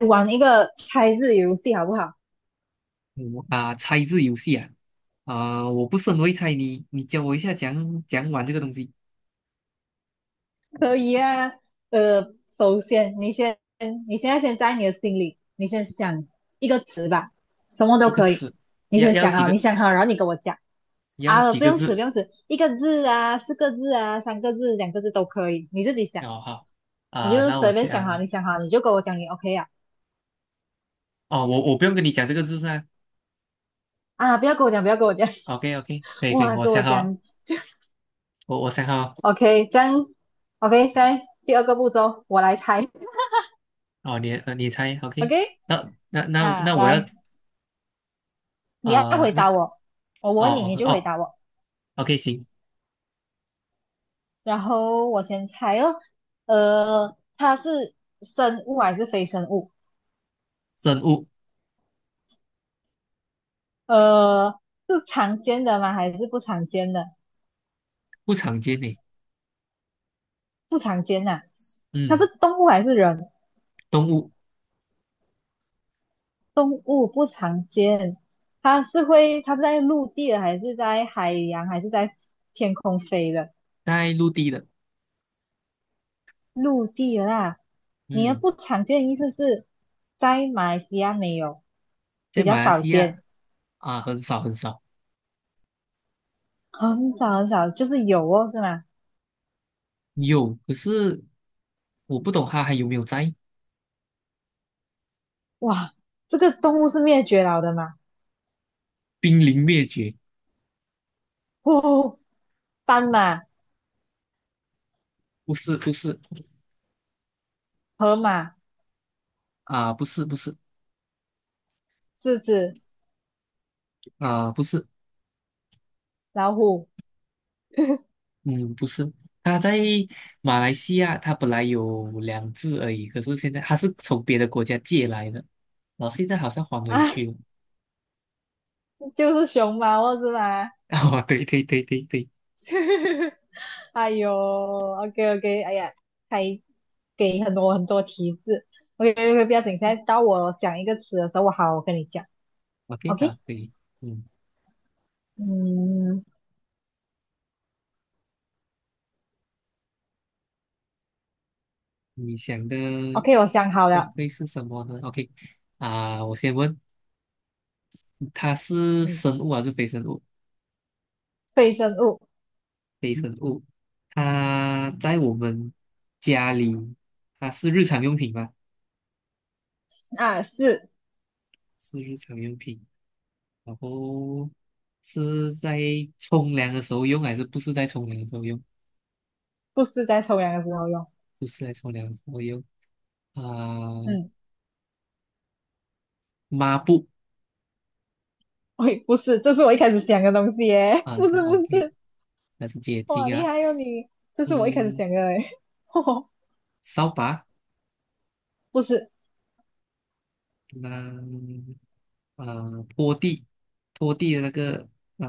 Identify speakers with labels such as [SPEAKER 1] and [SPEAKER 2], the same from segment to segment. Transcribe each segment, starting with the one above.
[SPEAKER 1] 玩一个猜字游戏好不好？
[SPEAKER 2] 嗯啊，猜字游戏啊，啊、我不是很会猜你，你教我一下讲讲玩这个东西，
[SPEAKER 1] 可以啊。呃，首先你先，你现在先在你的心里，你先想一个词吧，什么都
[SPEAKER 2] 一个
[SPEAKER 1] 可以。
[SPEAKER 2] 词，
[SPEAKER 1] 你
[SPEAKER 2] 要
[SPEAKER 1] 先
[SPEAKER 2] 要
[SPEAKER 1] 想
[SPEAKER 2] 几
[SPEAKER 1] 啊，你
[SPEAKER 2] 个
[SPEAKER 1] 想好，然后你跟我讲啊，
[SPEAKER 2] 几
[SPEAKER 1] 不
[SPEAKER 2] 个
[SPEAKER 1] 用词，
[SPEAKER 2] 字？
[SPEAKER 1] 不用词，一个字啊，四个字啊，三个字，两个字都可以，你自己想，
[SPEAKER 2] 哦好，
[SPEAKER 1] 你
[SPEAKER 2] 啊、
[SPEAKER 1] 就
[SPEAKER 2] 那我
[SPEAKER 1] 随便想好，
[SPEAKER 2] 想，
[SPEAKER 1] 你想好你就跟我讲，你 OK 啊。
[SPEAKER 2] 哦我不用跟你讲这个字噻。
[SPEAKER 1] 啊，不要跟我讲，不要跟我讲，
[SPEAKER 2] o k OK，可以可以，
[SPEAKER 1] 哇，
[SPEAKER 2] 我
[SPEAKER 1] 跟我
[SPEAKER 2] 想好了，
[SPEAKER 1] 讲
[SPEAKER 2] 我想好了，
[SPEAKER 1] ，OK,这样，OK,现在第二个步骤我来猜
[SPEAKER 2] 哦你你猜 OK，
[SPEAKER 1] ，OK,
[SPEAKER 2] 那那那
[SPEAKER 1] 啊，
[SPEAKER 2] 那我要
[SPEAKER 1] 来，你要
[SPEAKER 2] 啊，
[SPEAKER 1] 回
[SPEAKER 2] 那
[SPEAKER 1] 答我，哦我问你，
[SPEAKER 2] 哦
[SPEAKER 1] 你
[SPEAKER 2] 哦
[SPEAKER 1] 就回
[SPEAKER 2] 哦
[SPEAKER 1] 答我。
[SPEAKER 2] OK 行，
[SPEAKER 1] 然后我先猜哦，它是生物还是非生物？
[SPEAKER 2] 生物
[SPEAKER 1] 呃，是常见的吗？还是不常见的？
[SPEAKER 2] 不常见呢，
[SPEAKER 1] 不常见呐、它是
[SPEAKER 2] 嗯，
[SPEAKER 1] 动物还是人？
[SPEAKER 2] 动物
[SPEAKER 1] 动物不常见。它是会，它是在陆地的，还是在海洋，还是在天空飞的？
[SPEAKER 2] 在陆地的，
[SPEAKER 1] 陆地的啦。你的
[SPEAKER 2] 嗯，
[SPEAKER 1] 不常见的意思是在马来西亚没有，
[SPEAKER 2] 在
[SPEAKER 1] 比较
[SPEAKER 2] 马来
[SPEAKER 1] 少
[SPEAKER 2] 西亚
[SPEAKER 1] 见。
[SPEAKER 2] 啊、很少很少。
[SPEAKER 1] 哦很少很少，就是有哦，是吗？
[SPEAKER 2] 有，可是我不懂它还有没有在，
[SPEAKER 1] 哇，这个动物是灭绝了的嘛？
[SPEAKER 2] 濒临灭绝，
[SPEAKER 1] 哦，斑马、
[SPEAKER 2] 不是不是
[SPEAKER 1] 河马、
[SPEAKER 2] 啊、不是不是
[SPEAKER 1] 狮子、
[SPEAKER 2] 啊、不是，
[SPEAKER 1] 老虎
[SPEAKER 2] 嗯不是，他在马来西亚，他本来有两只而已，可是现在他是从别的国家借来的，然后现在好像还回
[SPEAKER 1] 啊，
[SPEAKER 2] 去了。
[SPEAKER 1] 就是熊猫哦，是吗？
[SPEAKER 2] 哦，对对对对对
[SPEAKER 1] 哎呦，OK OK,哎呀，还给很多很多提示。OK OK,不要紧，现在到我想一个词的时候，我好，我跟你讲。
[SPEAKER 2] ，OK 好，
[SPEAKER 1] OK,
[SPEAKER 2] 可以，嗯，
[SPEAKER 1] 嗯
[SPEAKER 2] 你想的
[SPEAKER 1] ，OK,我想好
[SPEAKER 2] 会
[SPEAKER 1] 了，
[SPEAKER 2] 会是什么呢？OK 啊、我先问，它是
[SPEAKER 1] 嗯，
[SPEAKER 2] 生物还是非生物？
[SPEAKER 1] 非生物
[SPEAKER 2] 非生物，它在我们家里，它是日常用品吧？
[SPEAKER 1] 啊，是
[SPEAKER 2] 是日常用品，然后是在冲凉的时候用，还是不是在冲凉的时候用？
[SPEAKER 1] 不是在冲凉的时候用？
[SPEAKER 2] 不是在冲凉的时候用啊、
[SPEAKER 1] 嗯。
[SPEAKER 2] 抹布
[SPEAKER 1] 喂，不是，这是我一开始想的东西耶，
[SPEAKER 2] 啊，
[SPEAKER 1] 不是
[SPEAKER 2] 对
[SPEAKER 1] 不
[SPEAKER 2] ，OK，
[SPEAKER 1] 是，
[SPEAKER 2] 那是洁
[SPEAKER 1] 哇，
[SPEAKER 2] 净
[SPEAKER 1] 厉
[SPEAKER 2] 啊，
[SPEAKER 1] 害哟、你，这是我一开始
[SPEAKER 2] 嗯，
[SPEAKER 1] 想的哎，哦
[SPEAKER 2] 扫把，
[SPEAKER 1] 不是，
[SPEAKER 2] 那啊、拖地，拖地的那个啊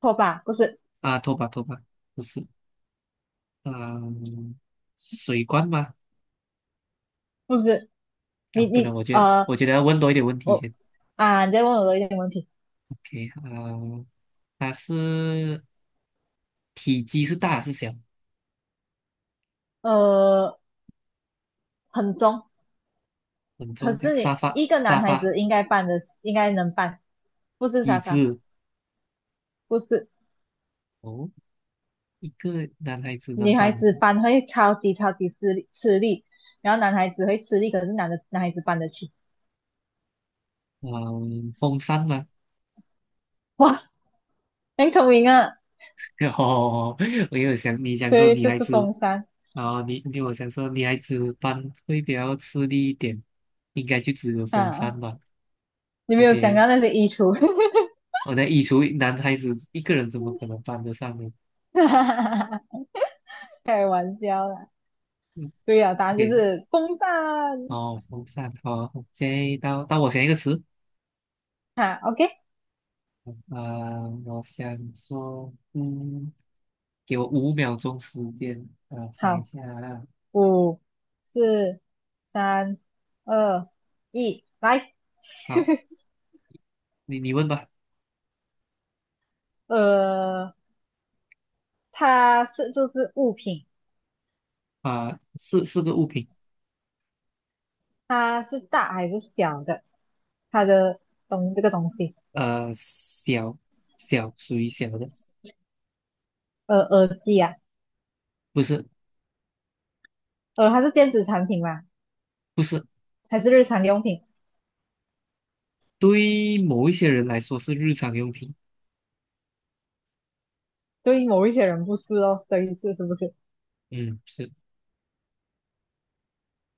[SPEAKER 1] 拖把，不是
[SPEAKER 2] 啊，拖把拖把不是啊、水罐吗？
[SPEAKER 1] 不是，
[SPEAKER 2] 啊，
[SPEAKER 1] 你
[SPEAKER 2] 不能，
[SPEAKER 1] 你
[SPEAKER 2] 我觉得
[SPEAKER 1] 呃，
[SPEAKER 2] 我觉得要问多一点问题
[SPEAKER 1] 我
[SPEAKER 2] 先。
[SPEAKER 1] 啊，你在问我的一点问题，
[SPEAKER 2] OK，啊、它是体积是大是小？
[SPEAKER 1] 呃，很重，
[SPEAKER 2] 很
[SPEAKER 1] 可
[SPEAKER 2] 重，这样
[SPEAKER 1] 是
[SPEAKER 2] 沙
[SPEAKER 1] 你
[SPEAKER 2] 发
[SPEAKER 1] 一个
[SPEAKER 2] 沙
[SPEAKER 1] 男孩
[SPEAKER 2] 发
[SPEAKER 1] 子应该办的，应该能办，不是
[SPEAKER 2] 椅
[SPEAKER 1] 沙发，
[SPEAKER 2] 子
[SPEAKER 1] 不是
[SPEAKER 2] 哦，一个男孩子能
[SPEAKER 1] 女孩
[SPEAKER 2] 搬，
[SPEAKER 1] 子搬会超级超级吃力吃力，然后男孩子会吃力，可是男的男孩子搬得起，
[SPEAKER 2] 嗯、风扇吗？
[SPEAKER 1] 哇，很聪明啊，
[SPEAKER 2] 哦，我有想你想说
[SPEAKER 1] 对，
[SPEAKER 2] 女
[SPEAKER 1] 就
[SPEAKER 2] 孩
[SPEAKER 1] 是
[SPEAKER 2] 子，
[SPEAKER 1] 风扇
[SPEAKER 2] 然后你我想说女孩子搬会比较吃力一点，应该就只有风扇
[SPEAKER 1] 啊。
[SPEAKER 2] 吧。
[SPEAKER 1] 你
[SPEAKER 2] 而
[SPEAKER 1] 没有想
[SPEAKER 2] 且
[SPEAKER 1] 到那些衣橱
[SPEAKER 2] 我在移除男孩子一个人怎么可能搬得上呢？
[SPEAKER 1] 开玩笑啦。
[SPEAKER 2] 嗯
[SPEAKER 1] 对呀、答案就
[SPEAKER 2] ，OK，
[SPEAKER 1] 是风扇啊。
[SPEAKER 2] 哦，风扇，好，OK，到我想一个词，
[SPEAKER 1] 哈，OK,
[SPEAKER 2] 我想说，嗯，给我五秒钟时间，想一
[SPEAKER 1] 好，
[SPEAKER 2] 下啊，
[SPEAKER 1] 五、四、三、二、一，来。
[SPEAKER 2] 好，你问吧，
[SPEAKER 1] 呃，它是就是物品，
[SPEAKER 2] 啊、是个物品，
[SPEAKER 1] 它是大还是小的？它的东这个东西，
[SPEAKER 2] 小属于小的，
[SPEAKER 1] 呃，耳机啊，
[SPEAKER 2] 不是
[SPEAKER 1] 它是电子产品吗？
[SPEAKER 2] 不是，
[SPEAKER 1] 还是日常用品？
[SPEAKER 2] 对于某一些人来说是日常用品，
[SPEAKER 1] 对于某一些人不是哦，等于是是不是？
[SPEAKER 2] 嗯，是，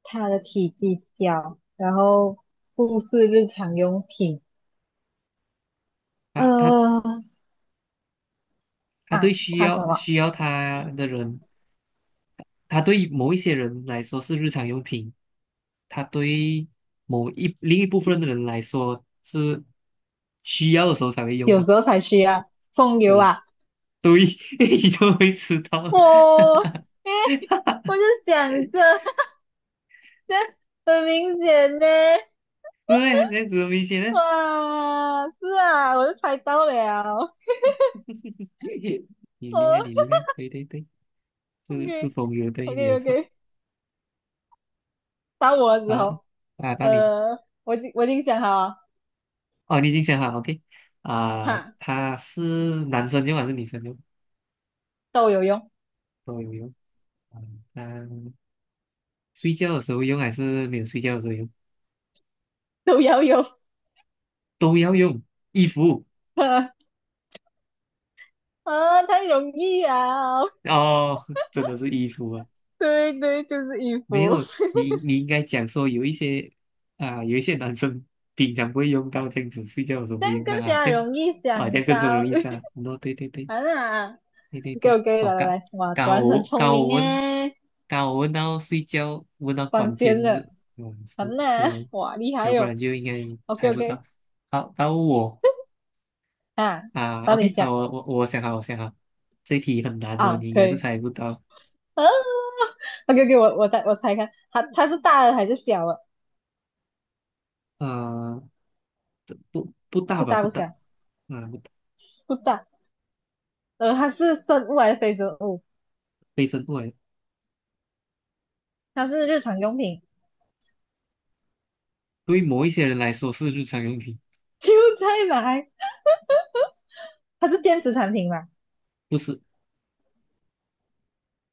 [SPEAKER 1] 它的体积小，然后不是日常用品。
[SPEAKER 2] 他
[SPEAKER 1] 呃，
[SPEAKER 2] 他
[SPEAKER 1] 啊，
[SPEAKER 2] 对需
[SPEAKER 1] 他什
[SPEAKER 2] 要
[SPEAKER 1] 么？
[SPEAKER 2] 需要他的人它对某一些人来说是日常用品，它对某一另一部分的人来说是需要的时候才会用
[SPEAKER 1] 有
[SPEAKER 2] 到。
[SPEAKER 1] 时候才需要风油
[SPEAKER 2] 对，
[SPEAKER 1] 啊。
[SPEAKER 2] 对，你就会知道了。
[SPEAKER 1] 哦，诶，我就想着很明显呢。
[SPEAKER 2] 对，这样子很明显的。
[SPEAKER 1] 哇，是啊，我就猜到了。
[SPEAKER 2] 你
[SPEAKER 1] 哦
[SPEAKER 2] 厉害，你厉害，对对对，是风流，对，没有
[SPEAKER 1] ，OK，OK，OK，
[SPEAKER 2] 错。
[SPEAKER 1] 到我的时
[SPEAKER 2] 好，
[SPEAKER 1] 候，
[SPEAKER 2] 啊，到你，
[SPEAKER 1] 呃，我已经想好了
[SPEAKER 2] 哦，你已经想好，OK，啊，
[SPEAKER 1] 哈，
[SPEAKER 2] 他是男生用还是女生用？
[SPEAKER 1] 都有用，
[SPEAKER 2] 都有用。啊，那睡觉的时候用还是没有睡觉的时候用？
[SPEAKER 1] 都要用。
[SPEAKER 2] 都要用衣服
[SPEAKER 1] 啊，太容易啊！
[SPEAKER 2] 哦，真的是衣服啊！
[SPEAKER 1] 对对，就是衣
[SPEAKER 2] 没
[SPEAKER 1] 服，
[SPEAKER 2] 有，你你应该讲说有一些啊，有一些男生平常不会用到这样子，睡觉的时 候
[SPEAKER 1] 这
[SPEAKER 2] 会
[SPEAKER 1] 样
[SPEAKER 2] 用到
[SPEAKER 1] 更
[SPEAKER 2] 啊，
[SPEAKER 1] 加
[SPEAKER 2] 这样
[SPEAKER 1] 容易
[SPEAKER 2] 啊，这
[SPEAKER 1] 想
[SPEAKER 2] 样更
[SPEAKER 1] 到。
[SPEAKER 2] 容易 杀。喏，对对对
[SPEAKER 1] 啊啦
[SPEAKER 2] 对对
[SPEAKER 1] ，OK
[SPEAKER 2] 对，
[SPEAKER 1] OK,
[SPEAKER 2] 哦，
[SPEAKER 1] 来来来，哇，果
[SPEAKER 2] 刚
[SPEAKER 1] 然很
[SPEAKER 2] 我
[SPEAKER 1] 聪
[SPEAKER 2] 刚我
[SPEAKER 1] 明
[SPEAKER 2] 问，
[SPEAKER 1] 诶，
[SPEAKER 2] 刚我问到睡觉，问到
[SPEAKER 1] 关
[SPEAKER 2] 关
[SPEAKER 1] 键
[SPEAKER 2] 键
[SPEAKER 1] 了，
[SPEAKER 2] 字，嗯，是
[SPEAKER 1] 好啦，
[SPEAKER 2] 对，
[SPEAKER 1] 哇，厉害
[SPEAKER 2] 要不
[SPEAKER 1] 哟、
[SPEAKER 2] 然
[SPEAKER 1] 哦
[SPEAKER 2] 就应该猜
[SPEAKER 1] OK
[SPEAKER 2] 不
[SPEAKER 1] OK,
[SPEAKER 2] 到。好，到我
[SPEAKER 1] 啊，
[SPEAKER 2] 啊
[SPEAKER 1] 帮你
[SPEAKER 2] ，OK，
[SPEAKER 1] 想
[SPEAKER 2] 好，我想好，我想好，这题很难的，
[SPEAKER 1] 啊，
[SPEAKER 2] 你应
[SPEAKER 1] 可
[SPEAKER 2] 该是
[SPEAKER 1] 以。
[SPEAKER 2] 猜不到。
[SPEAKER 1] 啊，OK OK,我猜看，它它是大的还是小的？
[SPEAKER 2] 啊。不大
[SPEAKER 1] 不
[SPEAKER 2] 吧，
[SPEAKER 1] 大
[SPEAKER 2] 不
[SPEAKER 1] 不
[SPEAKER 2] 大，
[SPEAKER 1] 小，
[SPEAKER 2] 啊，不大，
[SPEAKER 1] 不大。它是生物还是非生物？
[SPEAKER 2] 卫生过来，
[SPEAKER 1] 它是日常用品。
[SPEAKER 2] 对某一些人来说是日常用品，
[SPEAKER 1] 又再来，它是电子产品嘛？
[SPEAKER 2] 不是，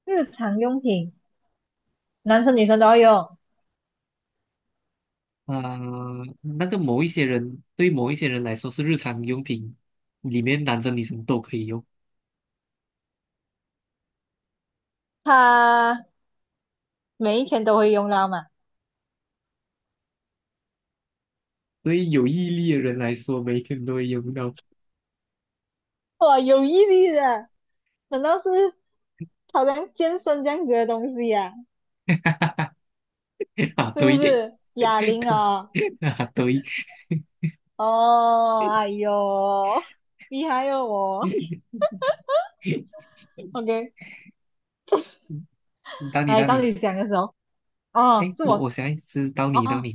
[SPEAKER 1] 日常用品，男生女生都要用。
[SPEAKER 2] 啊、那个某一些人对某一些人来说是日常用品，里面男生女生都可以用，
[SPEAKER 1] 它每一天都会用到嘛？
[SPEAKER 2] 对于有毅力的人来说，每天都会用到，
[SPEAKER 1] 哇，有毅力的，难道是好像健身这样子的东西呀、
[SPEAKER 2] 啊，
[SPEAKER 1] 是
[SPEAKER 2] 对，
[SPEAKER 1] 不
[SPEAKER 2] 对，
[SPEAKER 1] 是？哑铃啊？
[SPEAKER 2] 啊，对，
[SPEAKER 1] 哦，哎呦，厉害哦我。OK,
[SPEAKER 2] 到你，
[SPEAKER 1] 来
[SPEAKER 2] 到
[SPEAKER 1] 到
[SPEAKER 2] 你，
[SPEAKER 1] 你讲的时候，哦，
[SPEAKER 2] 哎，
[SPEAKER 1] 是
[SPEAKER 2] 我
[SPEAKER 1] 我，
[SPEAKER 2] 现在是到你，到
[SPEAKER 1] 哦
[SPEAKER 2] 你，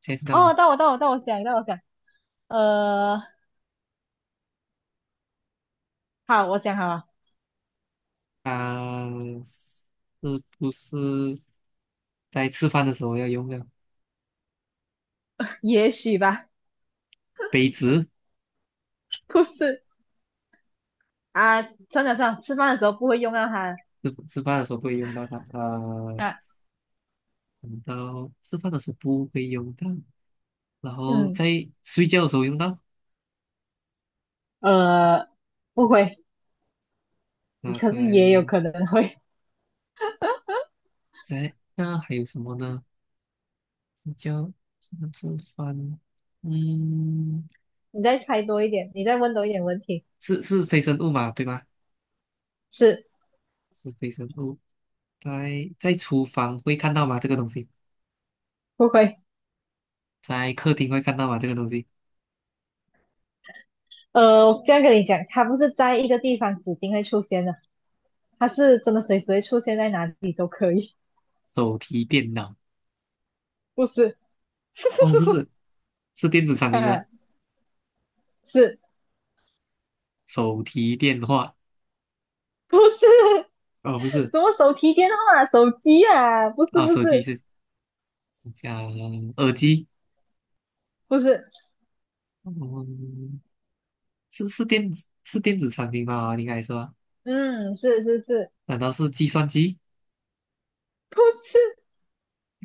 [SPEAKER 2] 现在是到
[SPEAKER 1] 哦，
[SPEAKER 2] 你，
[SPEAKER 1] 到我想，呃，好，我想好了，
[SPEAKER 2] 啊、是不是在吃饭的时候要用的
[SPEAKER 1] 也许吧，
[SPEAKER 2] 杯子？
[SPEAKER 1] 不是啊，算了算了，吃饭的时候不会用到它
[SPEAKER 2] 吃饭的时候不会用到它，
[SPEAKER 1] 啊，
[SPEAKER 2] 用到吃饭的时候不会用到，然后
[SPEAKER 1] 嗯，
[SPEAKER 2] 在睡觉的时候用到。
[SPEAKER 1] 呃，不会，
[SPEAKER 2] 那
[SPEAKER 1] 可是也有
[SPEAKER 2] 在
[SPEAKER 1] 可能会。
[SPEAKER 2] 那还有什么呢？睡觉、吃饭，嗯，
[SPEAKER 1] 你再猜多一点，你再问多一点问题，
[SPEAKER 2] 是非生物嘛，对吧？
[SPEAKER 1] 是
[SPEAKER 2] 是非生物，在厨房会看到吗？这个东西，
[SPEAKER 1] 不会。
[SPEAKER 2] 在客厅会看到吗？这个东西，
[SPEAKER 1] 我这样跟你讲，它不是在一个地方指定会出现的，它是真的随时会出现在哪里都可以，
[SPEAKER 2] 手提电脑。
[SPEAKER 1] 不是？
[SPEAKER 2] 哦，不是，是电子产品吗？
[SPEAKER 1] 嗯，是
[SPEAKER 2] 手提电话？
[SPEAKER 1] 不是
[SPEAKER 2] 哦，不 是，
[SPEAKER 1] 什么手提电话啊、手机啊？不是，
[SPEAKER 2] 啊、
[SPEAKER 1] 不
[SPEAKER 2] 手机
[SPEAKER 1] 是，
[SPEAKER 2] 是讲耳机。
[SPEAKER 1] 不是，
[SPEAKER 2] 嗯，是是电子是电子产品吗？应该说，
[SPEAKER 1] 嗯，是是是，
[SPEAKER 2] 难道是计算机？
[SPEAKER 1] 不是。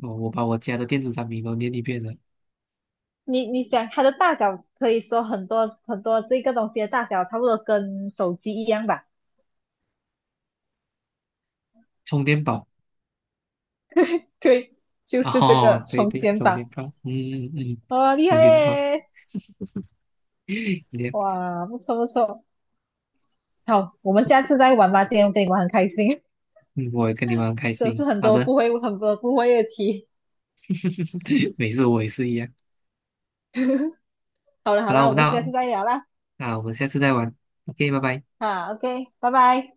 [SPEAKER 2] 哦，我把我家的电子产品都念一遍了，
[SPEAKER 1] 你你想它的大小，可以说很多很多这个东西的大小差不多跟手机一样吧？
[SPEAKER 2] 充电宝。
[SPEAKER 1] 对，就是这个
[SPEAKER 2] 哦，对
[SPEAKER 1] 充
[SPEAKER 2] 对，
[SPEAKER 1] 电
[SPEAKER 2] 充电
[SPEAKER 1] 宝，
[SPEAKER 2] 宝。嗯嗯嗯，
[SPEAKER 1] 哇、厉害
[SPEAKER 2] 充电宝。
[SPEAKER 1] 耶！
[SPEAKER 2] 你
[SPEAKER 1] 哇，不错不错，好，我们下次再玩吧。今天我跟你玩很开心，
[SPEAKER 2] 嗯，我也跟你玩很开
[SPEAKER 1] 都是
[SPEAKER 2] 心。
[SPEAKER 1] 很
[SPEAKER 2] 好
[SPEAKER 1] 多
[SPEAKER 2] 的，
[SPEAKER 1] 不会很多不会的题。
[SPEAKER 2] 没事，我也是一样。
[SPEAKER 1] 好了好
[SPEAKER 2] 好了，
[SPEAKER 1] 了，
[SPEAKER 2] 我
[SPEAKER 1] 我
[SPEAKER 2] 们
[SPEAKER 1] 们下次
[SPEAKER 2] 那
[SPEAKER 1] 再聊啦。
[SPEAKER 2] 我们下次再玩。OK，拜拜。
[SPEAKER 1] 啊，OK,拜拜。